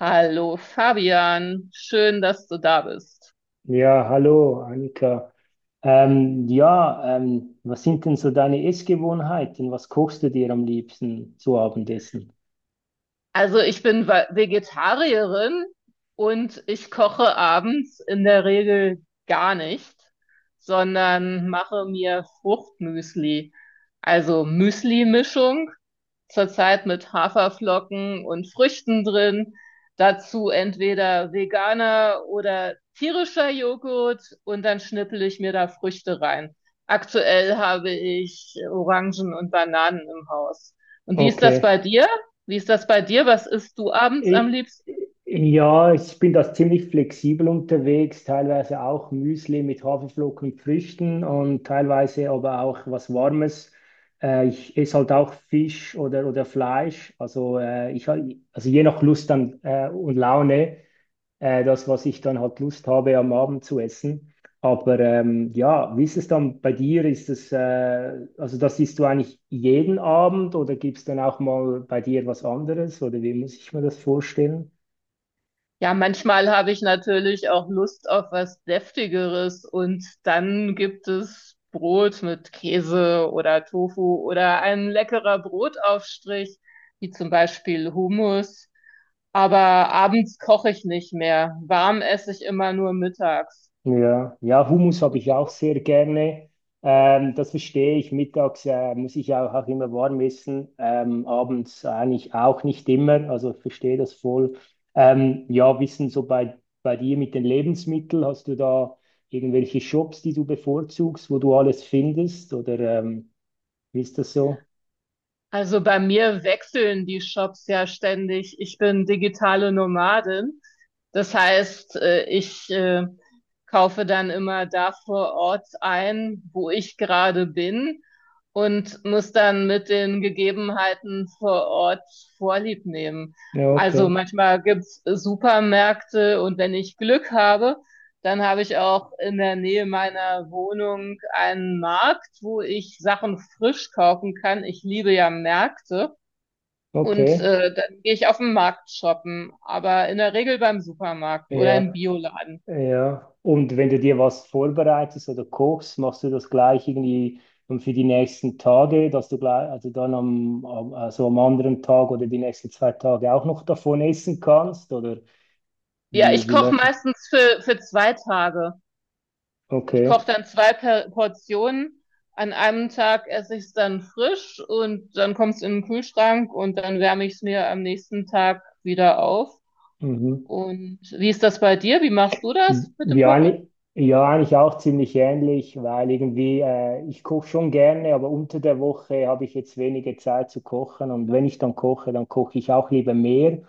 Hallo Fabian, schön, dass du da bist. Ja, hallo Annika. Ja, was sind denn so deine Essgewohnheiten? Was kochst du dir am liebsten zu Abendessen? Also ich bin Vegetarierin und ich koche abends in der Regel gar nicht, sondern mache mir Fruchtmüsli. Also Müsli-Mischung zurzeit mit Haferflocken und Früchten drin. Dazu entweder veganer oder tierischer Joghurt und dann schnippel ich mir da Früchte rein. Aktuell habe ich Orangen und Bananen im Haus. Und wie ist das Okay. bei dir? Wie ist das bei dir? Was isst du abends am Ich, liebsten? ja, ich bin da ziemlich flexibel unterwegs, teilweise auch Müsli mit Haferflocken und Früchten und teilweise aber auch was Warmes. Ich esse halt auch Fisch oder Fleisch. Also, also je nach Lust dann und Laune. Das, was ich dann halt Lust habe, am Abend zu essen. Aber ja, wie ist es dann bei dir? Also das isst du eigentlich jeden Abend oder gibt es dann auch mal bei dir was anderes? Oder wie muss ich mir das vorstellen? Ja, manchmal habe ich natürlich auch Lust auf was Deftigeres und dann gibt es Brot mit Käse oder Tofu oder ein leckerer Brotaufstrich, wie zum Beispiel Hummus. Aber abends koche ich nicht mehr. Warm esse ich immer nur mittags. Ja, ja, Hummus habe Und ich ja auch du? sehr gerne. Das verstehe ich. Mittags muss ich auch immer warm essen. Abends eigentlich auch nicht immer. Also verstehe das voll. Ja, wissen so bei dir mit den Lebensmitteln, hast du da irgendwelche Shops, die du bevorzugst, wo du alles findest? Oder wie ist das so? Also bei mir wechseln die Shops ja ständig. Ich bin digitale Nomadin. Das heißt, ich kaufe dann immer da vor Ort ein, wo ich gerade bin und muss dann mit den Gegebenheiten vor Ort Vorlieb nehmen. Ja, Also okay. manchmal gibt's Supermärkte und wenn ich Glück habe, dann habe ich auch in der Nähe meiner Wohnung einen Markt, wo ich Sachen frisch kaufen kann. Ich liebe ja Märkte. Und Okay. Dann gehe ich auf den Markt shoppen, aber in der Regel beim Supermarkt oder im Ja. Bioladen. Ja, und wenn du dir was vorbereitest oder kochst, machst du das gleich irgendwie dann für die nächsten Tage, dass du gleich, also also am anderen Tag oder die nächsten zwei Tage auch noch davon essen kannst? Oder Ja, ich wie koche Leute? meistens für zwei Tage. Ich koche Okay. dann zwei per Portionen. An einem Tag esse ich es dann frisch und dann kommt es in den Kühlschrank und dann wärme ich es mir am nächsten Tag wieder auf. Mhm. Und wie ist das bei dir? Wie machst du das mit dem Kochen? Ja, eigentlich auch ziemlich ähnlich, weil ich koche schon gerne, aber unter der Woche habe ich jetzt wenige Zeit zu kochen. Und wenn ich dann koche ich auch lieber mehr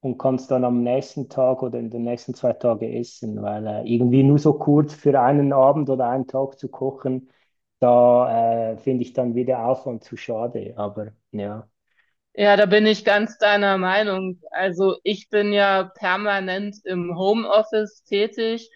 und kann es dann am nächsten Tag oder in den nächsten zwei Tagen essen, weil irgendwie nur so kurz für einen Abend oder einen Tag zu kochen, da finde ich dann wieder Aufwand zu schade. Aber ja, Ja, da bin ich ganz deiner Meinung. Also ich bin ja permanent im Homeoffice tätig,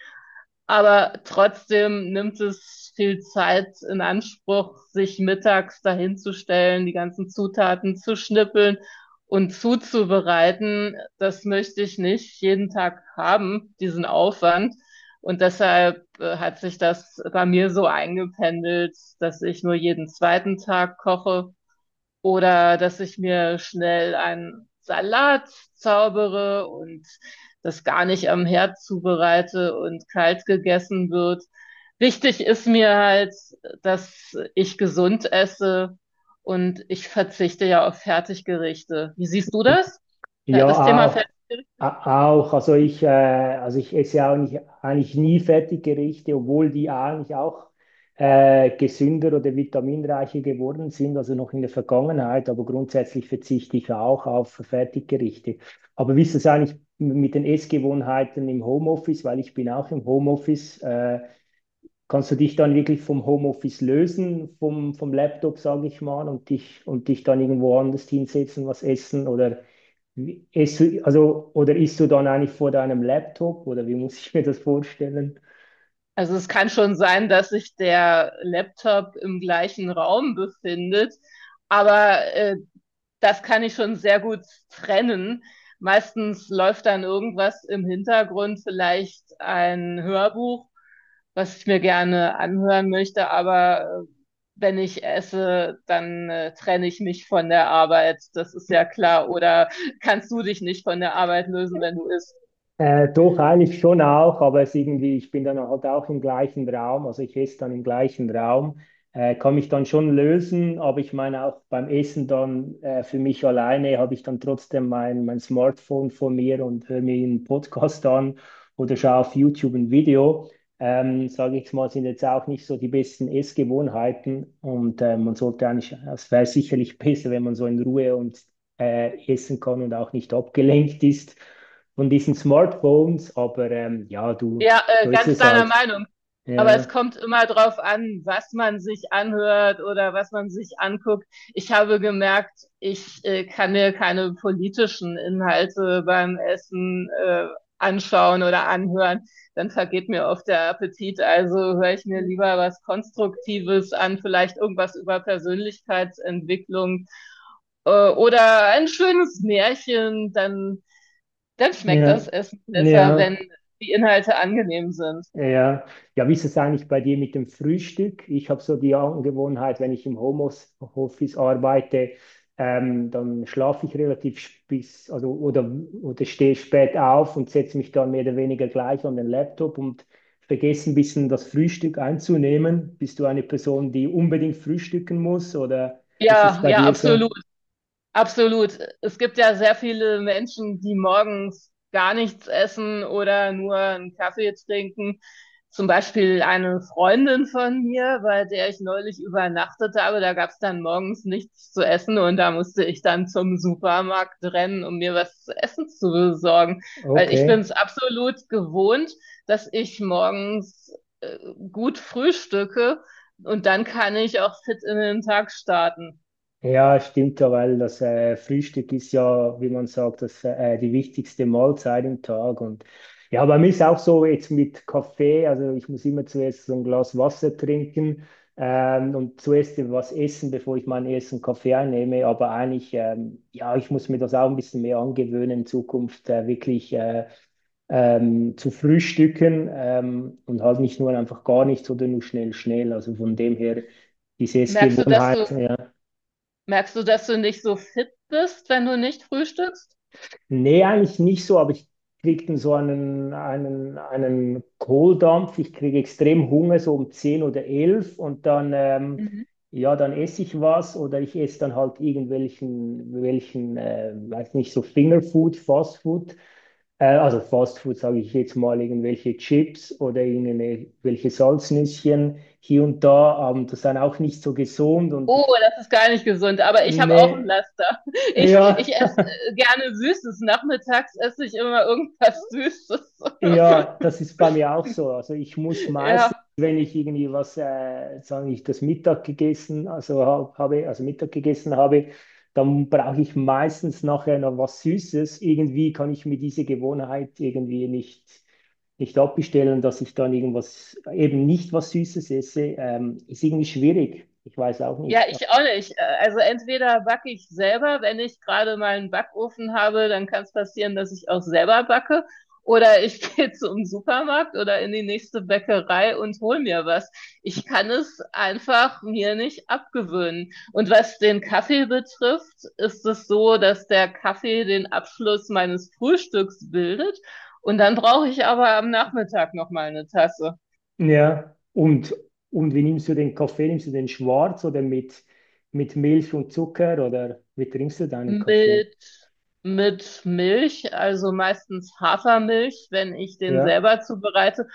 aber trotzdem nimmt es viel Zeit in Anspruch, sich mittags dahinzustellen, die ganzen Zutaten zu schnippeln und zuzubereiten. Das möchte ich nicht jeden Tag haben, diesen Aufwand. Und deshalb hat sich das bei mir so eingependelt, dass ich nur jeden zweiten Tag koche oder dass ich mir schnell einen Salat zaubere und das gar nicht am Herd zubereite und kalt gegessen wird. Wichtig ist mir halt, dass ich gesund esse und ich verzichte ja auf Fertiggerichte. Wie siehst du das? Ja, das ja, Thema auch. Fertiggerichte? Auch, also ich esse ja auch nicht, eigentlich nie Fertiggerichte, obwohl die eigentlich auch gesünder oder vitaminreicher geworden sind, also noch in der Vergangenheit, aber grundsätzlich verzichte ich auch auf Fertiggerichte. Aber wie ist es eigentlich mit den Essgewohnheiten im Homeoffice? Weil ich bin auch im Homeoffice. Kannst du dich dann wirklich vom Homeoffice lösen, vom Laptop, sage ich mal, und und dich dann irgendwo anders hinsetzen, was essen oder isst du, also, oder isst du dann eigentlich vor deinem Laptop oder wie muss ich mir das vorstellen? Also es kann schon sein, dass sich der Laptop im gleichen Raum befindet, aber das kann ich schon sehr gut trennen. Meistens läuft dann irgendwas im Hintergrund, vielleicht ein Hörbuch, was ich mir gerne anhören möchte, aber wenn ich esse, dann trenne ich mich von der Arbeit. Das ist ja klar. Oder kannst du dich nicht von der Arbeit lösen, wenn du isst? Doch, eigentlich schon auch, aber es irgendwie, ich bin dann halt auch im gleichen Raum, also ich esse dann im gleichen Raum, kann mich dann schon lösen, aber ich meine auch beim Essen dann für mich alleine habe ich dann trotzdem mein Smartphone vor mir und höre mir einen Podcast an oder schaue auf YouTube ein Video. Sage ich mal, sind jetzt auch nicht so die besten Essgewohnheiten und man sollte eigentlich, es wäre sicherlich besser, wenn man so in Ruhe und essen kann und auch nicht abgelenkt ist von diesen Smartphones, aber Ja, so ist ganz es deiner halt. Meinung. Aber es Ja, kommt immer drauf an, was man sich anhört oder was man sich anguckt. Ich habe gemerkt, ich kann mir keine politischen Inhalte beim Essen anschauen oder anhören. Dann vergeht mir oft der Appetit. Also höre ich mir lieber was Konstruktives an, vielleicht irgendwas über Persönlichkeitsentwicklung oder ein schönes Märchen. Dann dann schmeckt das ja, Essen besser, wenn ja, die Inhalte angenehm sind. ja. Ja, wie ist es eigentlich bei dir mit dem Frühstück? Ich habe so die Angewohnheit, wenn ich im Homeoffice arbeite, dann schlafe ich relativ sp- bis, also oder stehe spät auf und setze mich dann mehr oder weniger gleich an den Laptop und vergesse ein bisschen das Frühstück einzunehmen. Bist du eine Person, die unbedingt frühstücken muss oder ist es Ja, bei ja, dir so? absolut. Absolut. Es gibt ja sehr viele Menschen, die morgens gar nichts essen oder nur einen Kaffee trinken. Zum Beispiel eine Freundin von mir, bei der ich neulich übernachtet habe, da gab es dann morgens nichts zu essen und da musste ich dann zum Supermarkt rennen, um mir was zu essen zu besorgen. Weil ich bin es Okay. absolut gewohnt, dass ich morgens, äh, gut frühstücke und dann kann ich auch fit in den Tag starten. Ja, stimmt ja, weil das Frühstück ist ja, wie man sagt, die wichtigste Mahlzeit im Tag. Und ja, bei mir ist auch so jetzt mit Kaffee, also ich muss immer zuerst so ein Glas Wasser trinken und zuerst was essen, bevor ich meinen ersten Kaffee einnehme. Aber eigentlich, ja, ich muss mir das auch ein bisschen mehr angewöhnen, in Zukunft wirklich zu frühstücken und halt nicht nur einfach gar nichts oder nur schnell, schnell. Also von dem her, diese Merkst du, dass du Gewohnheit, ja. Merkst du, dass du nicht so fit bist, wenn du nicht frühstückst? Nee, eigentlich nicht so, aber ich kriege dann so einen Kohldampf. Ich kriege extrem Hunger, so um 10 oder 11 und dann, Mhm. ja, dann esse ich was oder ich esse dann halt weiß nicht, so Fingerfood, Fastfood. Also Fastfood sage ich jetzt mal, irgendwelche Chips oder irgendwelche Salznüsschen hier und da. Das ist dann auch nicht so gesund Oh, das ist gar nicht gesund, aber ich habe auch ein nee, Laster. Ja. Ich esse gerne Süßes. Nachmittags esse ich immer irgendwas Süßes. Ja, das ist bei mir auch so. Also ich muss meistens, Ja. wenn ich irgendwie sagen ich, das Mittag gegessen, also hab, habe, also Mittag gegessen habe, dann brauche ich meistens nachher noch was Süßes. Irgendwie kann ich mir diese Gewohnheit nicht abbestellen, dass ich dann irgendwas, eben nicht was Süßes esse. Ist irgendwie schwierig. Ich weiß auch Ja, nicht. ich auch nicht. Also entweder backe ich selber, wenn ich gerade mal einen Backofen habe, dann kann es passieren, dass ich auch selber backe. Oder ich gehe zum Supermarkt oder in die nächste Bäckerei und hol mir was. Ich kann es einfach mir nicht abgewöhnen. Und was den Kaffee betrifft, ist es so, dass der Kaffee den Abschluss meines Frühstücks bildet. Und dann brauche ich aber am Nachmittag noch mal eine Tasse. Ja, und wie nimmst du den Kaffee? Nimmst du den schwarz oder mit Milch und Zucker oder wie trinkst du deinen Kaffee? Mit, mit Milch, also meistens Hafermilch, wenn ich den Ja, selber zubereite.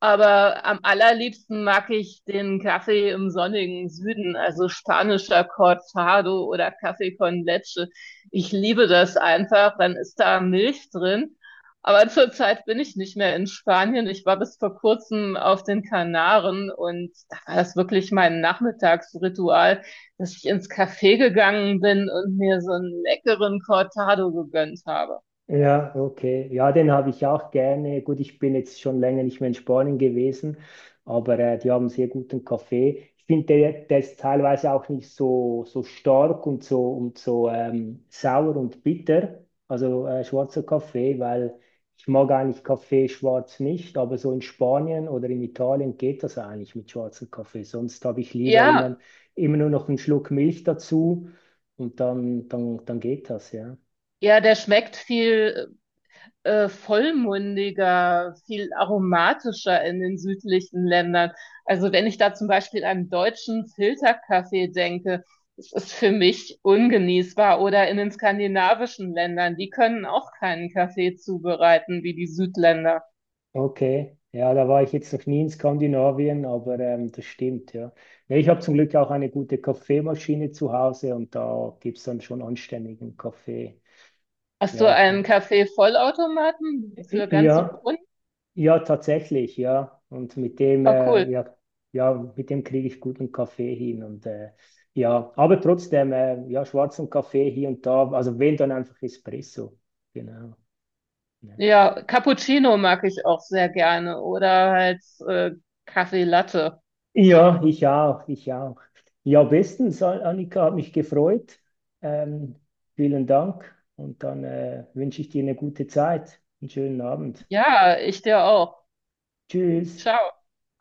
Aber am allerliebsten mag ich den Kaffee im sonnigen Süden, also spanischer Cortado oder Kaffee con Leche. Ich liebe das einfach, dann ist da Milch drin. Aber zurzeit bin ich nicht mehr in Spanien. Ich war bis vor kurzem auf den Kanaren und da war das wirklich mein Nachmittagsritual, dass ich ins Café gegangen bin und mir so einen leckeren Cortado gegönnt habe. ja, okay. Ja, den habe ich auch gerne. Gut, ich bin jetzt schon länger nicht mehr in Spanien gewesen, aber die haben sehr guten Kaffee. Ich finde, der ist teilweise auch nicht so stark und so sauer und bitter, also schwarzer Kaffee, weil ich mag eigentlich Kaffee schwarz nicht, aber so in Spanien oder in Italien geht das eigentlich mit schwarzem Kaffee. Sonst habe ich lieber Ja, immer nur noch einen Schluck Milch dazu und dann geht das, ja. ja, der schmeckt viel vollmundiger, viel aromatischer in den südlichen Ländern. Also wenn ich da zum Beispiel an deutschen Filterkaffee denke, das ist für mich ungenießbar. Oder in den skandinavischen Ländern, die können auch keinen Kaffee zubereiten wie die Südländer. Okay, ja, da war ich jetzt noch nie in Skandinavien, aber das stimmt, ja. Nee, ich habe zum Glück auch eine gute Kaffeemaschine zu Hause und da gibt es dann schon anständigen Kaffee. Hast du Ja, einen von, Kaffee-Vollautomaten für ganze ja, Bohnen? ja, tatsächlich, ja. Und mit dem, Oh, cool. äh, ja, ja, mit dem kriege ich guten Kaffee hin. Und ja, aber trotzdem, ja, schwarzen Kaffee hier und da, also wenn dann einfach Espresso. Genau. Ja. Ja, Cappuccino mag ich auch sehr gerne oder halt Kaffee Latte. Ja, ich auch, ich auch. Ja, bestens, Annika, hat mich gefreut. Ähm, Vielen Dank und dann wünsche ich dir eine gute Zeit, einen schönen Abend. Ja, ich dir auch. Tschüss. Ciao.